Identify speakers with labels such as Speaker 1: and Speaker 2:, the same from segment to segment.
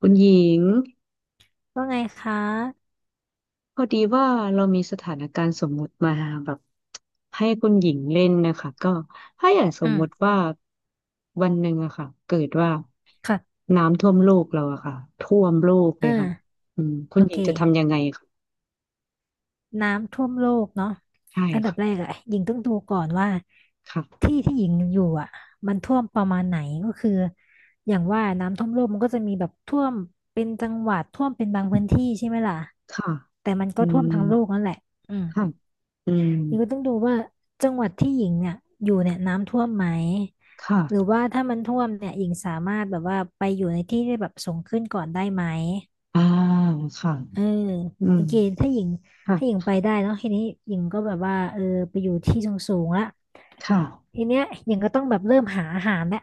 Speaker 1: คุณหญิง
Speaker 2: ว่าไงคะ
Speaker 1: พอดีว่าเรามีสถานการณ์สมมุติมาแบบให้คุณหญิงเล่นนะคะก็ถ้าอย่างสม
Speaker 2: อืม
Speaker 1: มุติว่าวันหนึ่งอะค่ะเกิดว่า
Speaker 2: ค่ะ
Speaker 1: น้ำท่วมโลกเราอะค่ะท่วมโลกเล
Speaker 2: อ่
Speaker 1: ยค่ะ
Speaker 2: า
Speaker 1: อืมคุ
Speaker 2: โอ
Speaker 1: ณหญิ
Speaker 2: เค
Speaker 1: งจะทำยังไงค่ะ
Speaker 2: น้ำท่วมโลกเนาะ
Speaker 1: ใช่
Speaker 2: อันดับ
Speaker 1: ค่ะ
Speaker 2: แรกอะหญิงต้องดูก่อนว่า
Speaker 1: ค่ะ
Speaker 2: ที่ที่หญิงอยู่อะมันท่วมประมาณไหนก็คืออย่างว่าน้ำท่วมโลกมันก็จะมีแบบท่วมเป็นจังหวัดท่วมเป็นบางพื้นที่ใช่ไหมล่ะ
Speaker 1: ค่ะ
Speaker 2: แต่มัน
Speaker 1: อื
Speaker 2: ก็ท่วม
Speaker 1: ม
Speaker 2: ทั้งโลกนั่นแหละอืม
Speaker 1: ค่ะอืม
Speaker 2: หญิงก็ต้องดูว่าจังหวัดที่หญิงเนี่ยอยู่เนี่ยน้ำท่วมไหมหรือ
Speaker 1: ค่ะ
Speaker 2: ว่าถ้ามันท่วมเนี่ยหญิงสามารถแบบว่าไปอยู่ในที่ที่แบบสูงขึ้นก่อนได้ไหม
Speaker 1: อ่าค่ะ
Speaker 2: เออ
Speaker 1: อื
Speaker 2: โอ
Speaker 1: ม
Speaker 2: เคถ้าหญิงถ้าหญิง
Speaker 1: ค่ะ
Speaker 2: ไปได้เนาะทีนี้หญิงก็แบบว่าเออไปอยู่ที่สูงๆละ
Speaker 1: ค่ะ
Speaker 2: ทีเนี้ยหญิงก็ต้องแบบเริ่มหาอาหารแล้ว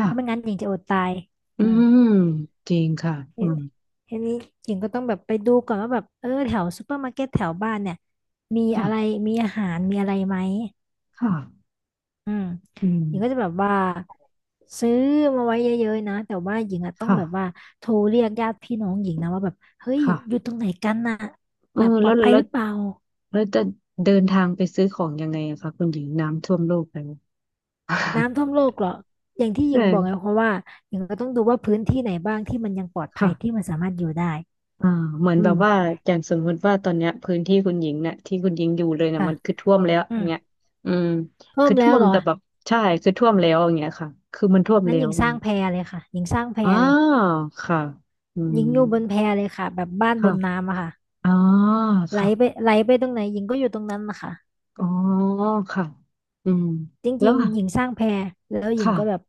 Speaker 2: เพ
Speaker 1: ่ะ
Speaker 2: ราะไม่งั้นหญิงจะอดตาย
Speaker 1: อื
Speaker 2: อืม
Speaker 1: มจริงค่ะ
Speaker 2: ที
Speaker 1: อืม
Speaker 2: ทีนี้หญิงก็ต้องแบบไปดูก่อนว่าแบบเออแถวซูเปอร์มาร์เก็ตแถวบ้านเนี่ยมีอะไร
Speaker 1: ค่ะ
Speaker 2: มีอาหารมีอะไรไหม
Speaker 1: ค่ะ
Speaker 2: อืม
Speaker 1: อื
Speaker 2: หญิงก็จะ
Speaker 1: ม
Speaker 2: แบบว่าซื้อมาไว้เยอะๆนะแต่ว่าหญิงอะต้อง
Speaker 1: ค่ะ
Speaker 2: แบบว่าโทรเรียกญาติพี่น้องหญิงนะว่าแบบเฮ้ยอยู่
Speaker 1: ค่ะ
Speaker 2: ตรงไหนกันน่ะ
Speaker 1: เออ
Speaker 2: แบบปลอดภัยหรือเปล่า
Speaker 1: แล้วจะเดินทางไปซื้อของยังไงอะคะคุณหญิงน้ำท่วมโลกแล้ว
Speaker 2: น้ำท่วมโลกเหรออย่างที่
Speaker 1: ใ
Speaker 2: หญิงบอกไง
Speaker 1: ช่
Speaker 2: เพราะว่าหญิงก็ต้องดูว่าพื้นที่ไหนบ้างที่มันยังปลอดภั
Speaker 1: ค่ะ
Speaker 2: ยที่มันสามารถอยู่ได้
Speaker 1: อ่าเหมือน
Speaker 2: อื
Speaker 1: แบบว่า
Speaker 2: ม
Speaker 1: อย่างสมมติว่าตอนเนี้ยพื้นที่คุณหญิงเนี่ยที่คุณหญิงอยู่เลยเนี่ย
Speaker 2: ค่ะ
Speaker 1: มันคือท่วมแล้ว
Speaker 2: อื
Speaker 1: อย่า
Speaker 2: ม
Speaker 1: งเงี้ยอืม
Speaker 2: เพิ่
Speaker 1: คื
Speaker 2: ม
Speaker 1: อท่
Speaker 2: แล้ว
Speaker 1: วม
Speaker 2: เหรอ
Speaker 1: แต่แบบใช่คือท่วมแล้วอย่างเงี้ยค่ะคือมันท่วม
Speaker 2: นั้
Speaker 1: แล้
Speaker 2: นห
Speaker 1: ว
Speaker 2: ญิง
Speaker 1: อ
Speaker 2: ส
Speaker 1: ย่าง
Speaker 2: ร้าง
Speaker 1: เงี้ย
Speaker 2: แพเลยค่ะหญิงสร้างแพ
Speaker 1: อ่า
Speaker 2: เลย
Speaker 1: วค่ะอื
Speaker 2: ห
Speaker 1: ม
Speaker 2: ญิงอยู่บนแพเลยค่ะแบบบ้านบ
Speaker 1: ค่ะ
Speaker 2: นน้ำอะค่ะ
Speaker 1: อ๋อ
Speaker 2: ไหล
Speaker 1: ค่ะ
Speaker 2: ไปไหลไปตรงไหนหญิงก็อยู่ตรงนั้นนะคะ
Speaker 1: อ๋อค่ะอืม
Speaker 2: จ
Speaker 1: แล้
Speaker 2: ริ
Speaker 1: ว
Speaker 2: งๆหญิงสร้างแพแล้วหญิง
Speaker 1: ค่ะ
Speaker 2: ก็แบบ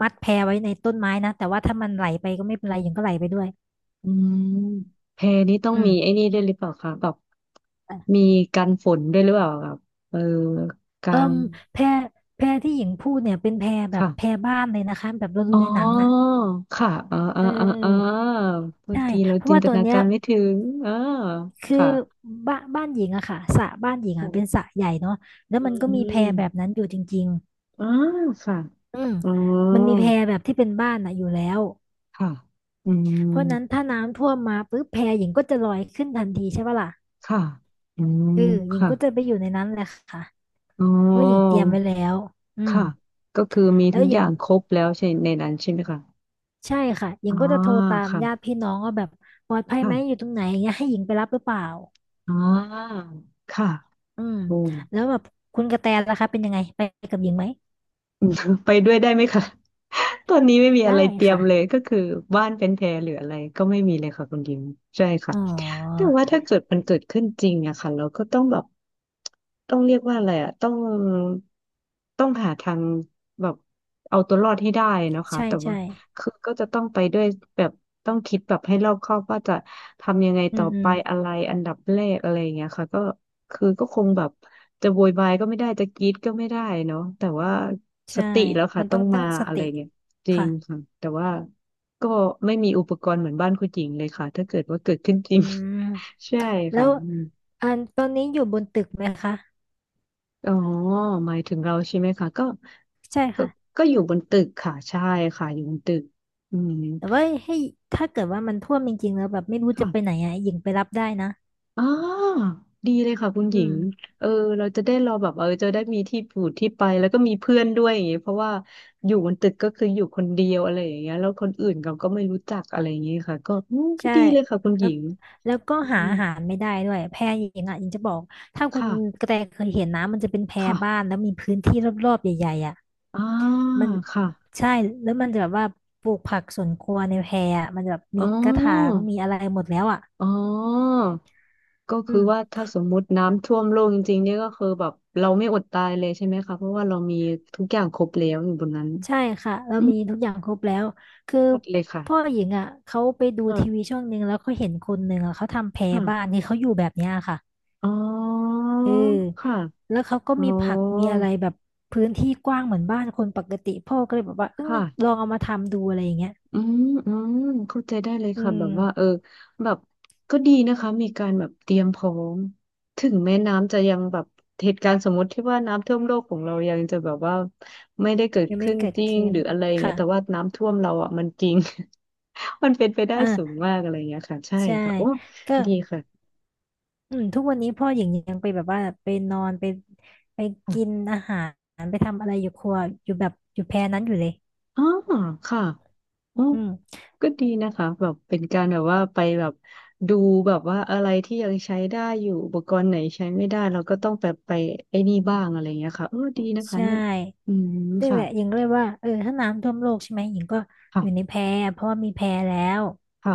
Speaker 2: มัดแพไว้ในต้นไม้นะแต่ว่าถ้ามันไหลไปก็ไม่เป็นไรหญิงก็ไหลไปด้วย
Speaker 1: อืมแพนี้ต้อง
Speaker 2: อืม
Speaker 1: มีไอ้นี่ด้วยหรือเปล่าคะแบบมี
Speaker 2: ่
Speaker 1: กันฝนด้วยหรือเปล่าครับเออกลา
Speaker 2: เอิ่
Speaker 1: ง
Speaker 2: มแพแพที่หญิงพูดเนี่ยเป็นแพแบบ
Speaker 1: ค่ะ
Speaker 2: แพบ้านเลยนะคะแบบเราดู
Speaker 1: อ๋อ
Speaker 2: ในหนังอ่ะ
Speaker 1: ค่ะเออเออ
Speaker 2: เ
Speaker 1: เออเออ
Speaker 2: ออ
Speaker 1: บาง
Speaker 2: ใช่
Speaker 1: ทีเรา
Speaker 2: เพราะ
Speaker 1: จิน
Speaker 2: ว่า
Speaker 1: ต
Speaker 2: ตัว
Speaker 1: นา
Speaker 2: เนี้ย
Speaker 1: การไม่ถึงเออ
Speaker 2: คื
Speaker 1: ค่ะ
Speaker 2: อบ้านหญิงอะค่ะสระบ้านหญิง
Speaker 1: อื
Speaker 2: อะ
Speaker 1: ม
Speaker 2: เป็นสระใหญ่เนาะแล้ว
Speaker 1: อื
Speaker 2: มันก็มีแพแบบ
Speaker 1: ม
Speaker 2: นั้นอยู่จริง
Speaker 1: อ๋อค่ะ
Speaker 2: ๆอืม
Speaker 1: อ๋อ
Speaker 2: มันมีแพแบบที่เป็นบ้านอะอยู่แล้ว
Speaker 1: ค่ะอื
Speaker 2: เพราะฉะนั้น
Speaker 1: ม
Speaker 2: ถ้าน้ำท่วมมาปุ๊บแพหญิงก็จะลอยขึ้นทันทีใช่ปะล่ะ
Speaker 1: ค่ะอืม
Speaker 2: เออหญิง
Speaker 1: ค่ะ
Speaker 2: ก็จะไปอยู่ในนั้นแหละค่ะ
Speaker 1: อ๋
Speaker 2: เพราะว่าหญิงเต
Speaker 1: อ
Speaker 2: รียมไว้แล้วอืม
Speaker 1: ค่ะก็คือมี
Speaker 2: แล้
Speaker 1: ทุ
Speaker 2: ว
Speaker 1: ก
Speaker 2: ห
Speaker 1: อ
Speaker 2: ญิง
Speaker 1: ย่างครบแล้วใช่ในนั้นใช่ไหมคะ
Speaker 2: ใช่ค่ะหญิ
Speaker 1: อ๋
Speaker 2: ง
Speaker 1: อ
Speaker 2: ก็จะโทรตาม
Speaker 1: ค่ะ
Speaker 2: ญาติพี่น้องว่าแบบปลอดภัย
Speaker 1: ค่ะ
Speaker 2: ไหมอยู่ตรงไหนอย่างเงี้ยให้หญิงไปรับหรือเปล่า
Speaker 1: อ่าค่ะ
Speaker 2: อืม
Speaker 1: โอ้ ย
Speaker 2: แล้วแบบคุณกระแตล่ะคะเป็นยังไงไปกับหญิงไหม
Speaker 1: อืม ไปด้วยได้ไหมคะ ตอนนี้ไม่มี
Speaker 2: ได้
Speaker 1: อะไรเตรียม
Speaker 2: ค่ะ
Speaker 1: เลยก็คือบ้านเป็นแพหรืออะไรก็ไม่มีเลยค่ะคุณยิมใช่ค่ะ
Speaker 2: อ๋อ
Speaker 1: แต่ว่าถ้าเกิดมันเกิดขึ้นจริงอะค่ะเราก็ต้องแบบต้องเรียกว่าอะไรอะต้องหาทางแบบเอาตัวรอดให้ได้นะคะ
Speaker 2: ใช่
Speaker 1: แต่ว่า
Speaker 2: ใช่
Speaker 1: คือก็จะต้องไปด้วยแบบต้องคิดแบบให้รอบคอบว่าจะทำยังไง
Speaker 2: อื
Speaker 1: ต่อ
Speaker 2: มอื
Speaker 1: ไป
Speaker 2: ม
Speaker 1: อะไรอันดับแรกอะไรอย่างเงี้ยค่ะก็คือก็คงแบบ จะโวยวายก็ไม่ได้จะกรี๊ดก็ไม่ได้เนาะแต่ว่าส
Speaker 2: ใช่
Speaker 1: ติแล้วค่ะ
Speaker 2: มัน
Speaker 1: ต้
Speaker 2: ต้
Speaker 1: อ
Speaker 2: อ
Speaker 1: ง
Speaker 2: งตั้
Speaker 1: มา
Speaker 2: งส
Speaker 1: อะไร
Speaker 2: ติ
Speaker 1: เงี้ยจริง
Speaker 2: ค่ะ
Speaker 1: ค่ะแต่ว่าก็ไม่มีอุปกรณ์เหมือนบ้านคุณหญิงเลยค่ะถ้าเกิดว่าเกิดขึ้นจริ
Speaker 2: อื
Speaker 1: ง
Speaker 2: ม
Speaker 1: ใช่
Speaker 2: แล้
Speaker 1: ค่ะ
Speaker 2: ว
Speaker 1: อืม
Speaker 2: อันตอนนี้อยู่บนตึกไหมคะ
Speaker 1: อ๋อหมายถึงเราใช่ไหมคะ
Speaker 2: ใช่
Speaker 1: ก็
Speaker 2: ค่ะ
Speaker 1: ก็อยู่บนตึกค่ะใช่ค่ะอยู่บนตึกอืม
Speaker 2: แต่ว่าให้ถ้าเกิดว่ามันท่วมจริงๆแล้วแบบไม่รู้จะ
Speaker 1: ค่ะ
Speaker 2: ไปไหนอ่ะหญิงไปรับได้นะ
Speaker 1: อ๋อดีเลยค่ะคุณห
Speaker 2: อื
Speaker 1: ญิ
Speaker 2: ม
Speaker 1: งเออเราจะได้รอแบบเออจะได้มีที่อยู่ที่ไปแล้วก็มีเพื่อนด้วยอย่างเงี้ยเพราะว่าอยู่บนตึกก็คืออยู่คนเดียวอะไรอย่างเงี้ยแล้วคนอื่นเราก็ไม่รู้จักอะไรอย่างเงี้ยค่ะก็อืมก็
Speaker 2: ใช่
Speaker 1: ดีเลยค่ะคุณห
Speaker 2: แล้
Speaker 1: ญิ
Speaker 2: ว
Speaker 1: ง
Speaker 2: แล้วก็
Speaker 1: อื
Speaker 2: หา
Speaker 1: ม
Speaker 2: อาหารไม่ได้ด้วยแพหญิงอ่ะหญิงจะบอกถ้าคุณ
Speaker 1: ค่ะ
Speaker 2: กระแตเคยเห็นนะมันจะเป็นแพบ้า
Speaker 1: ค่ะ
Speaker 2: นแล้วมีพื้นที่รอบๆใหญ่ๆอ่ะ
Speaker 1: อ่า
Speaker 2: มัน
Speaker 1: ค่ะ
Speaker 2: ใช่แล้วมันจะแบบว่าปลูกผักสวนครัวในแพอ่ะมันจะแบบ
Speaker 1: อ๋
Speaker 2: มี
Speaker 1: อ
Speaker 2: กระถางมีอะไรหมดแล้วอ่ะ
Speaker 1: อ๋อก็
Speaker 2: อื
Speaker 1: คือว่า
Speaker 2: ม
Speaker 1: ถ้าสมมุติน้ำท่วมโลกจริงๆเนี่ยก็คือแบบเราไม่อดตายเลยใช่ไหมคะเพราะว่าเรามีทุกอย่างครบแล้วอยู่บนนั้น
Speaker 2: ใช่ค่ะเรา
Speaker 1: อืม
Speaker 2: มีทุกอย่างครบแล้วคือ
Speaker 1: หมดเลยค่ะ
Speaker 2: พ่อหญิงอ่ะเขาไปดูทีวีช่องหนึ่งแล้วเขาเห็นคนหนึ่งอ่ะเขาทำแพรบ้าน
Speaker 1: ค่ะ
Speaker 2: นี่เขาอยู่แบบเนี้ยค่ะ
Speaker 1: อ๋อ
Speaker 2: เออ
Speaker 1: ค่ะ
Speaker 2: แล้วเขาก็
Speaker 1: อ๋อ
Speaker 2: มีผักมีอะไรแบบพื้นที่กว้างเหมือนบ้านคนปกติพ่อก็เลยแบบว่าเออล
Speaker 1: ค่ะ
Speaker 2: องเอามาทำดูอะไรอย่างเงี้ย
Speaker 1: อืมเข้าใจได้เลย
Speaker 2: อื
Speaker 1: ค่ะแบ
Speaker 2: ม
Speaker 1: บว่าเออแบบก็ดีนะคะมีการแบบเตรียมพร้อมถึงแม้น้ำจะยังแบบเหตุการณ์สมมติที่ว่าน้ำท่วมโลกของเรายังจะแบบว่าไม่ได้เกิด
Speaker 2: ยังไม่
Speaker 1: ขึ้น
Speaker 2: เกิด
Speaker 1: จริง
Speaker 2: ขึ้น
Speaker 1: หรืออะไรอย่างเงี้ย
Speaker 2: ค่ะ
Speaker 1: แต่ว่าน้ำท่วมเราอ่ะมันจริง มันเป็นไปได้สูง
Speaker 2: อ่า
Speaker 1: มากอะไรอย่างเงี้ยค่ะใช่
Speaker 2: ใช่
Speaker 1: ค่ะโอ้
Speaker 2: ก็
Speaker 1: ดีค่ะ
Speaker 2: อืมทุกวันนี้พ่อหญิงยังไปแบบว่าไปนอนไปกินอาหารไปทำอะไรอยู่ครัวอยู่แบบอยู่แพรนั้นอยู่เลย
Speaker 1: อ๋อค่ะอ๋อ
Speaker 2: อืม
Speaker 1: ก็ดีนะคะแบบเป็นการแบบว่าไปแบบดูแบบว่าอะไรที่ยังใช้ได้อยู่อุปกรณ์ไหนใช้ไม่ได้เราก็ต้องแบบไปไอ้นี่บ้างอะไรอย่างเงี้ยค่ะเออดีนะคะ
Speaker 2: ใช่
Speaker 1: เนี่ยอืม
Speaker 2: นี่แห
Speaker 1: ค่ะ
Speaker 2: ละหญิงก็เลยว่าเออถ้าน้ำท่วมโลกใช่ไหมหญิงก็อยู่ใน
Speaker 1: ค่ะ
Speaker 2: แพเพราะว่ามีแพแล้ว
Speaker 1: ค่ะ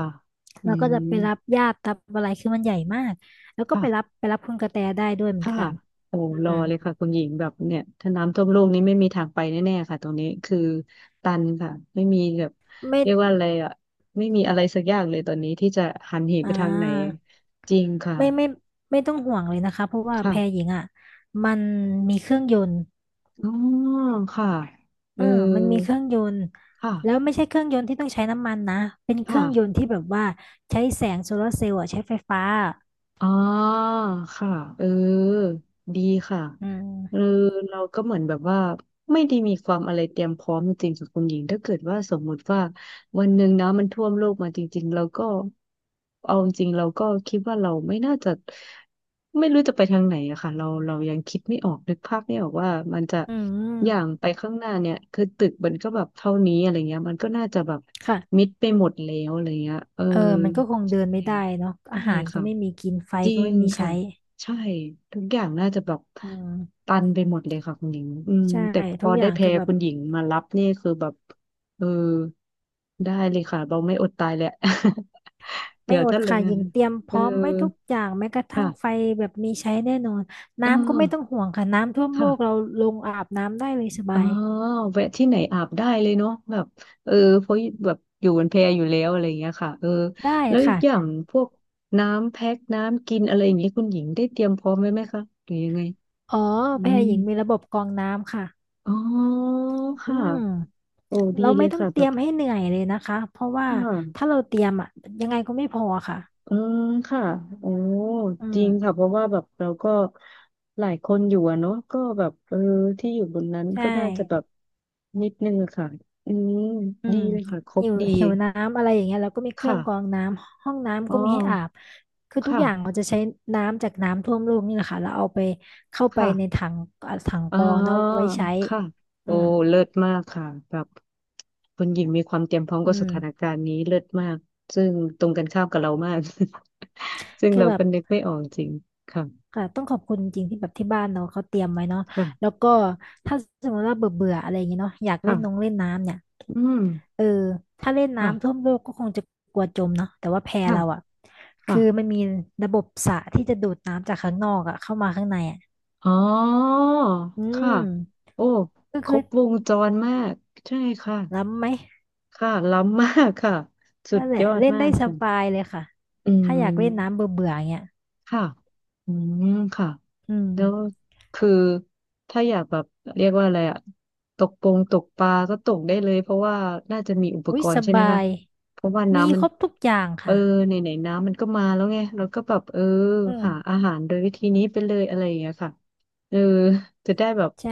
Speaker 1: อื
Speaker 2: เราก็
Speaker 1: ม
Speaker 2: จะไปรับญาติรับอะไรคือมันใหญ่มาก แล้วก็
Speaker 1: ค่ะ
Speaker 2: ไปรับคุณกระแตได้ด้วยเหมือน
Speaker 1: ค่ะ
Speaker 2: กัน
Speaker 1: โอ้
Speaker 2: อื
Speaker 1: รอ
Speaker 2: ม
Speaker 1: เลยค่ะคุณหญิงแบบเนี่ยถ้าน้ำท่วมโลกนี้ไม่มีทางไปแน่ๆค่ะตรงนี้คือตันค่ะไม่มีแบบ
Speaker 2: ไม่
Speaker 1: เรียกว่าอะไรอ่ะไม่มีอะไรสักอย่างเลยตอนนี้ที่จะหันเห
Speaker 2: อ่
Speaker 1: ไปทางไหน
Speaker 2: า
Speaker 1: จริงค่ะ
Speaker 2: ไม่ไม่ไม่ต้องห่วงเลยนะคะเพราะว่า
Speaker 1: ค่ะ
Speaker 2: แพหญิงอ่ะ มันมีเครื่องยนต์
Speaker 1: อ๋อค่ะเอ
Speaker 2: เอ
Speaker 1: อ
Speaker 2: อมันมีเครื่องยนต์
Speaker 1: ค่ะ
Speaker 2: แล้วไม่ใช่เครื่องยนต์ที่ต้องใช้น้ำมันนะเป็นเค
Speaker 1: ค่ะ
Speaker 2: รื่องยนต์ที่แบบว่าใช้แสงโซลาร์เซลล์อะใช้ไฟฟ้า
Speaker 1: อ๋อค่ะเออดีค่ะ
Speaker 2: อื
Speaker 1: เออ
Speaker 2: ม
Speaker 1: เราก็เหมือนแบบว่าไม่ได้มีความอะไรเตรียมพร้อมจริงๆกับคุณหญิงถ้าเกิดว่าสมมุติว่าวันหนึ่งนะมันท่วมโลกมาจริงๆเราก็เอาจริงเราก็คิดว่าเราไม่น่าจะไม่รู้จะไปทางไหนอะค่ะเรายังคิดไม่ออกนึกภาพไม่ออกว่ามันจะ
Speaker 2: อื
Speaker 1: อย่าง
Speaker 2: ม
Speaker 1: ไปข้างหน้าเนี่ยคือตึกมันก็แบบเท่านี้อะไรเงี้ยมันก็น่าจะแบบมิ
Speaker 2: ค่ะ
Speaker 1: ดไปหมดแล้วอะไรเงี้ยเออ
Speaker 2: เออมันก็คง
Speaker 1: ใช
Speaker 2: เดินไม่
Speaker 1: ่
Speaker 2: ได้เนาะ
Speaker 1: ใช่
Speaker 2: อาหารก็
Speaker 1: ค่ะ
Speaker 2: ไม่มีกิน ไฟ
Speaker 1: จริ
Speaker 2: ก็ไม่
Speaker 1: ง
Speaker 2: มีใช้
Speaker 1: ค่ะใช่ทุกอย่างน่าจะแบบ
Speaker 2: อืม
Speaker 1: ตันไปหมดเลยค่ะคุณหญิงอืม
Speaker 2: ใช่
Speaker 1: แต่พ
Speaker 2: ทุ
Speaker 1: อ
Speaker 2: กอ
Speaker 1: ได้
Speaker 2: ย่าง
Speaker 1: แพ
Speaker 2: คือ
Speaker 1: ร
Speaker 2: แบบ
Speaker 1: คุณหญิงมารับนี่คือแบบเออได้เลยค่ะเราไม่อดตายแหละ เดี๋
Speaker 2: ไม่
Speaker 1: ยว
Speaker 2: อด
Speaker 1: ถ้าเลย
Speaker 2: ค่ะยิงเตรียมพ
Speaker 1: เออ
Speaker 2: ร้อมไว้ทุกอย่างแม้กระทั่
Speaker 1: ค่ะ
Speaker 2: งไฟแบบมีใช้แน่นอน
Speaker 1: เอ
Speaker 2: น้ำก็ไม่ต้อง
Speaker 1: อ
Speaker 2: ห่วงค่ะ น้ำท่วมโล
Speaker 1: ค่ะ
Speaker 2: กเราลงอาบน้ำได้เลยส
Speaker 1: อ๋
Speaker 2: บา
Speaker 1: อ
Speaker 2: ย
Speaker 1: แวะที่ไหนอาบได้เลยเนาะแบบเออเพราะแบบอยู่บนแพอยู่แล้วอะไรอย่างเงี้ยค่ะเออ
Speaker 2: ได้
Speaker 1: แล้ว
Speaker 2: ค่ะ
Speaker 1: อย่างพวกน้ำแพ็คน้ำกินอะไรอย่างเงี้ยคุณหญิงได้เตรียมพร้อมไว้ไหมคะหรือยังไง
Speaker 2: อ๋อ
Speaker 1: อื
Speaker 2: แพร
Speaker 1: ม
Speaker 2: หญิงมีระบบกรองน้ำค่ะ
Speaker 1: อ๋อ
Speaker 2: อื
Speaker 1: ค่ะ
Speaker 2: ม
Speaker 1: โอ้ดี
Speaker 2: เรา
Speaker 1: เล
Speaker 2: ไม่
Speaker 1: ย
Speaker 2: ต้อง
Speaker 1: ค่ะ
Speaker 2: เต
Speaker 1: แบ
Speaker 2: รีย
Speaker 1: บ
Speaker 2: มให้เหนื่อยเลยนะคะ เพราะว่า
Speaker 1: ค่ะ
Speaker 2: ถ้าเราเตรียมอะยังไงก็ไม่พอค่ะ
Speaker 1: อืมค่ะโอ้
Speaker 2: อื
Speaker 1: จ
Speaker 2: ม
Speaker 1: ริงค่ะเพราะว่าแบบเราก็หลายคนอยู่อะเนาะก็แบบเออที่อยู่บนนั้น
Speaker 2: ใช
Speaker 1: ก็น่าจะแบบ
Speaker 2: ่
Speaker 1: นิดนึงอะค่ะ อืม
Speaker 2: อื
Speaker 1: ดี
Speaker 2: ม
Speaker 1: เลยค่ะครบ
Speaker 2: หิว
Speaker 1: ดี
Speaker 2: หิวน้ำอะไรอย่างเงี้ยเราก็มีเครื่อ
Speaker 1: ค่ะ
Speaker 2: งกรองน้ำห้องน้ำ
Speaker 1: อ๋อ
Speaker 2: ก็มีให้อาบคือทุก
Speaker 1: ค่ะ
Speaker 2: อย่างเราจะใช้น้ำจากน้ำท่วมโลกนี่แหละค่ะเราเอาไปเข้าไป
Speaker 1: ค่ะ
Speaker 2: ในถังอ่ะถัง
Speaker 1: อ๋อ
Speaker 2: กรองเนาะเอาไว้ใช้
Speaker 1: ค่ะ
Speaker 2: อื
Speaker 1: โอ้
Speaker 2: ม
Speaker 1: เลิศมากค่ะแบบคุณหญิงมีความเตรียมพร้อม
Speaker 2: อื
Speaker 1: กับส
Speaker 2: ม
Speaker 1: ถานการณ์นี้เลิศมาก ซึ่งตรงกันข้ามกับเรามาก ซึ่ง
Speaker 2: คือ
Speaker 1: เรา
Speaker 2: แบ
Speaker 1: ก็
Speaker 2: บ
Speaker 1: นึกไม่ออกจริงค่ะ
Speaker 2: ค่ะต้องขอบคุณจริงที่แบบที่บ้านเราเขาเตรียมไว้เนาะ
Speaker 1: ค่ะ
Speaker 2: แล้วก็ถ้าสมมติว่าเบื่อเบื่ออะไรอย่างเงี้ยเนาะอยากเล่นน้อง
Speaker 1: ค่ะ
Speaker 2: เล่นน้ำเนี่ย
Speaker 1: อืม
Speaker 2: เออถ้าเล่นน้ำท่ว
Speaker 1: ค่ะ
Speaker 2: มโลกก็คงจะกลัวจมเนาะแต่ว่าแพ
Speaker 1: ค่ะ
Speaker 2: เราอะ
Speaker 1: ค่ะ
Speaker 2: คือมันมีระบบสระที่จะดูดน้ำจากข้างนอกอะเข้ามาข้างในอะ
Speaker 1: อ๋อ
Speaker 2: อื
Speaker 1: ค่ะ
Speaker 2: ม
Speaker 1: โอ้
Speaker 2: ก็
Speaker 1: คร
Speaker 2: คือ
Speaker 1: บวงจรมาก ใช่ค่ะ
Speaker 2: ล้ำไหม
Speaker 1: ค่ะ ล้ำมากค่ะ สุ
Speaker 2: นั่
Speaker 1: ด
Speaker 2: นแหละ
Speaker 1: ยอด
Speaker 2: เล่น
Speaker 1: มา
Speaker 2: ได้
Speaker 1: ก
Speaker 2: ส
Speaker 1: ค่ะ
Speaker 2: บายเลยค่ะ
Speaker 1: อื
Speaker 2: ถ้าอยากเล่นน้ำ
Speaker 1: ม
Speaker 2: เบื่อเบื่อเงี้ย
Speaker 1: ค่ะอืมค่ะ
Speaker 2: อืม
Speaker 1: แล้วคือถ้าอยากแบบเรียกว่าอะไรอะตกปงตกปลาก็ตกได้เลยเพราะว่าน่าจะมีอุป
Speaker 2: อุ้
Speaker 1: ก
Speaker 2: ย
Speaker 1: ร
Speaker 2: ส
Speaker 1: ณ์ใช่ไหม
Speaker 2: บา
Speaker 1: คะ
Speaker 2: ย
Speaker 1: เพราะว่า
Speaker 2: มี
Speaker 1: น้ำมั
Speaker 2: ค
Speaker 1: น
Speaker 2: รบทุกอย่าง
Speaker 1: เออ
Speaker 2: ค่ะ
Speaker 1: ไหนไหนน้ำมันก็มาแล้วไงเราก็แบบเออ
Speaker 2: อื
Speaker 1: หาอา
Speaker 2: ม
Speaker 1: หารโดยวิธีนี้ไปเลยอะไรอย่างเงี้ยค่ะเออจะได้แบบ
Speaker 2: ใช่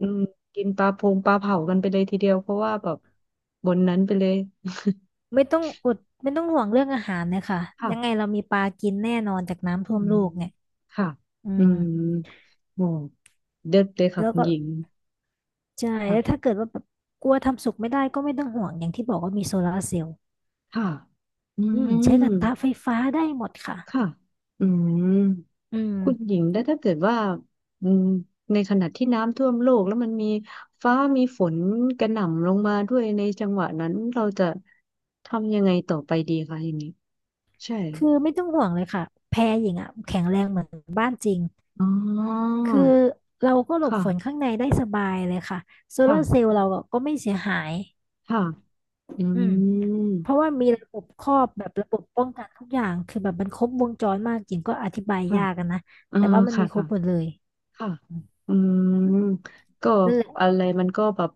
Speaker 1: อืมกินปลาพงปลาเผากันไปเลยทีเดียวเพราะว่าแบบบนนั้นไปเลย
Speaker 2: ไม่ต้องอดไม่ต้องห่วงเรื่องอาหารเลยค่ะ
Speaker 1: ค่ะ
Speaker 2: ยังไงเรามีปลากินแน่นอนจากน้ำท่
Speaker 1: อื
Speaker 2: วมโล
Speaker 1: ม
Speaker 2: กเนี่ย
Speaker 1: ค่ะ
Speaker 2: อื
Speaker 1: อื
Speaker 2: ม
Speaker 1: มโอ้เด็ดเลยค่ะ
Speaker 2: แล้ว
Speaker 1: คุณ
Speaker 2: ก็
Speaker 1: หญิง
Speaker 2: ใช่แล้วถ้าเกิดว่าแบบกลัวทำสุกไม่ได้ก็ไม่ต้องห่วงอย่างที่บอกว่ามีโซลาร์เซลล์
Speaker 1: ค่ะอื
Speaker 2: อืมใช้กระ
Speaker 1: ม
Speaker 2: ทะไฟฟ้าได้หมดค่ะ
Speaker 1: ค่ะอืม
Speaker 2: อืม
Speaker 1: คุณหญิงแล้วถ้าเกิดว่าอืมในขณะที่น้ำท่วมโลกแล้วมันมีฟ้ามีฝนกระหน่ำลงมาด้วยในจังหวะนั้นเราจะทำยังไงต่อไปดีคะอย่างนี้ใช่
Speaker 2: คือไม่ต้องห่วงเลยค่ะแพรหญิงอ่ะแข็งแรงเหมือนบ้านจริง
Speaker 1: อ๋อ
Speaker 2: คือเราก็หลบฝน
Speaker 1: ค่ะ
Speaker 2: ข้างในได้สบายเลยค่ะโซ
Speaker 1: ค่ะ
Speaker 2: ลาร์เซลล์เราก็ไม่เสียหาย
Speaker 1: ค่ะอื
Speaker 2: อืมเพราะ
Speaker 1: ม
Speaker 2: ว่ามีระบบครอบแบบระบบป้องกันทุกอย่างคือแบบมันครบวงจรมากจริงก็อธิบาย
Speaker 1: ค่ะ
Speaker 2: ยากอะนนะ
Speaker 1: เออ
Speaker 2: แต่ว่ามัน
Speaker 1: ค่ะ
Speaker 2: มีครบ
Speaker 1: ค่ะ
Speaker 2: หมดเลย
Speaker 1: ค่ะ
Speaker 2: อืม
Speaker 1: อืมก็
Speaker 2: นั่นแหละ
Speaker 1: อะไรมันก็แบบ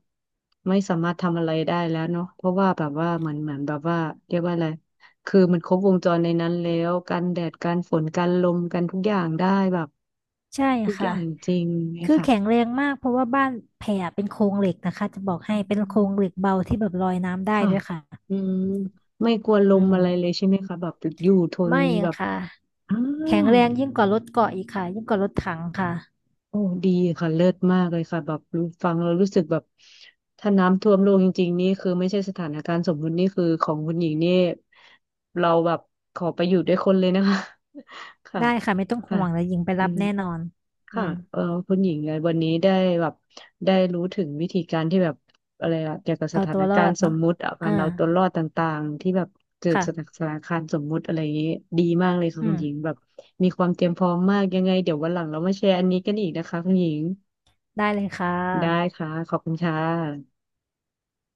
Speaker 1: ไม่สามารถทำอะไรได้แล้วเนาะเพราะว่าแบบว่าเหมือนแบบว่าเรียกว่าอะไรคือมันครบวงจรในนั้นแล้วกันแดดกันฝนกันลมกันทุกอย่างได้แบบ
Speaker 2: ใช่
Speaker 1: ทุกอ
Speaker 2: ค่ะ
Speaker 1: ย่างจริงเนี่ย
Speaker 2: คือ
Speaker 1: ค่ะ
Speaker 2: แข็งแรงมากเพราะว่าบ้านแพรเป็นโครงเหล็กนะคะจะบอกให้
Speaker 1: อื
Speaker 2: เป็นโคร
Speaker 1: ม
Speaker 2: งเหล็กเบาที่แบบลอยน้ำได้
Speaker 1: ค่ะ
Speaker 2: ด้วยค่ะ
Speaker 1: อืมไม่กลัวล
Speaker 2: อื
Speaker 1: ม
Speaker 2: ม
Speaker 1: อะไรเลยใช่ไหมคะแบบอยู่ทน
Speaker 2: ไม่
Speaker 1: แบบ
Speaker 2: ค่ะ
Speaker 1: อ่า
Speaker 2: แข็งแรงยิ่งกว่ารถเกาะอีกค่ะยิ่งกว่ารถถังค่ะ
Speaker 1: โอ้ดีค่ะเลิศมากเลยค่ะแบบรู้ฟังเรารู้สึกแบบถ้าน้ำท่วมโลกจริงๆนี่คือไม่ใช่สถานการณ์สมมุตินี่คือของคุณหญิงนี่เราแบบขอไปอยู่ด้วยคนเลยนะคะ ค่ะ
Speaker 2: ได้ค่ะไม่ต้อง
Speaker 1: ค่ะ
Speaker 2: ห่วงแล้วหญิงไป
Speaker 1: อื
Speaker 2: รับ
Speaker 1: ม
Speaker 2: แน่นอนอื
Speaker 1: ค่ะ
Speaker 2: ม
Speaker 1: เออคุณหญิงไงวันนี้ได้แบบได้รู้ถึงวิธีการที่แบบอะไรอะเกี่ยวกับส
Speaker 2: เอา
Speaker 1: ถา
Speaker 2: ตั
Speaker 1: น
Speaker 2: วรอ
Speaker 1: การ
Speaker 2: ด
Speaker 1: ณ์ส
Speaker 2: เนาะ
Speaker 1: มมุติอะกา
Speaker 2: อ่า
Speaker 1: รเอาตัวรอดต่างๆที่แบบเกิดส
Speaker 2: ค่ะ
Speaker 1: ถานการณ์สมมุติอะไรอย่างนี้ดีมากเลยค่ะ
Speaker 2: อื
Speaker 1: คุณหญิง
Speaker 2: ม
Speaker 1: แบบมีความเตรียมพร้อมมากยังไงเดี๋ยววันหลังเรามาแชร์อันนี้กันอีกนะคะคุณหญิง
Speaker 2: ได้เลยค่ะ
Speaker 1: ได้ค่ะขอบคุณค่ะ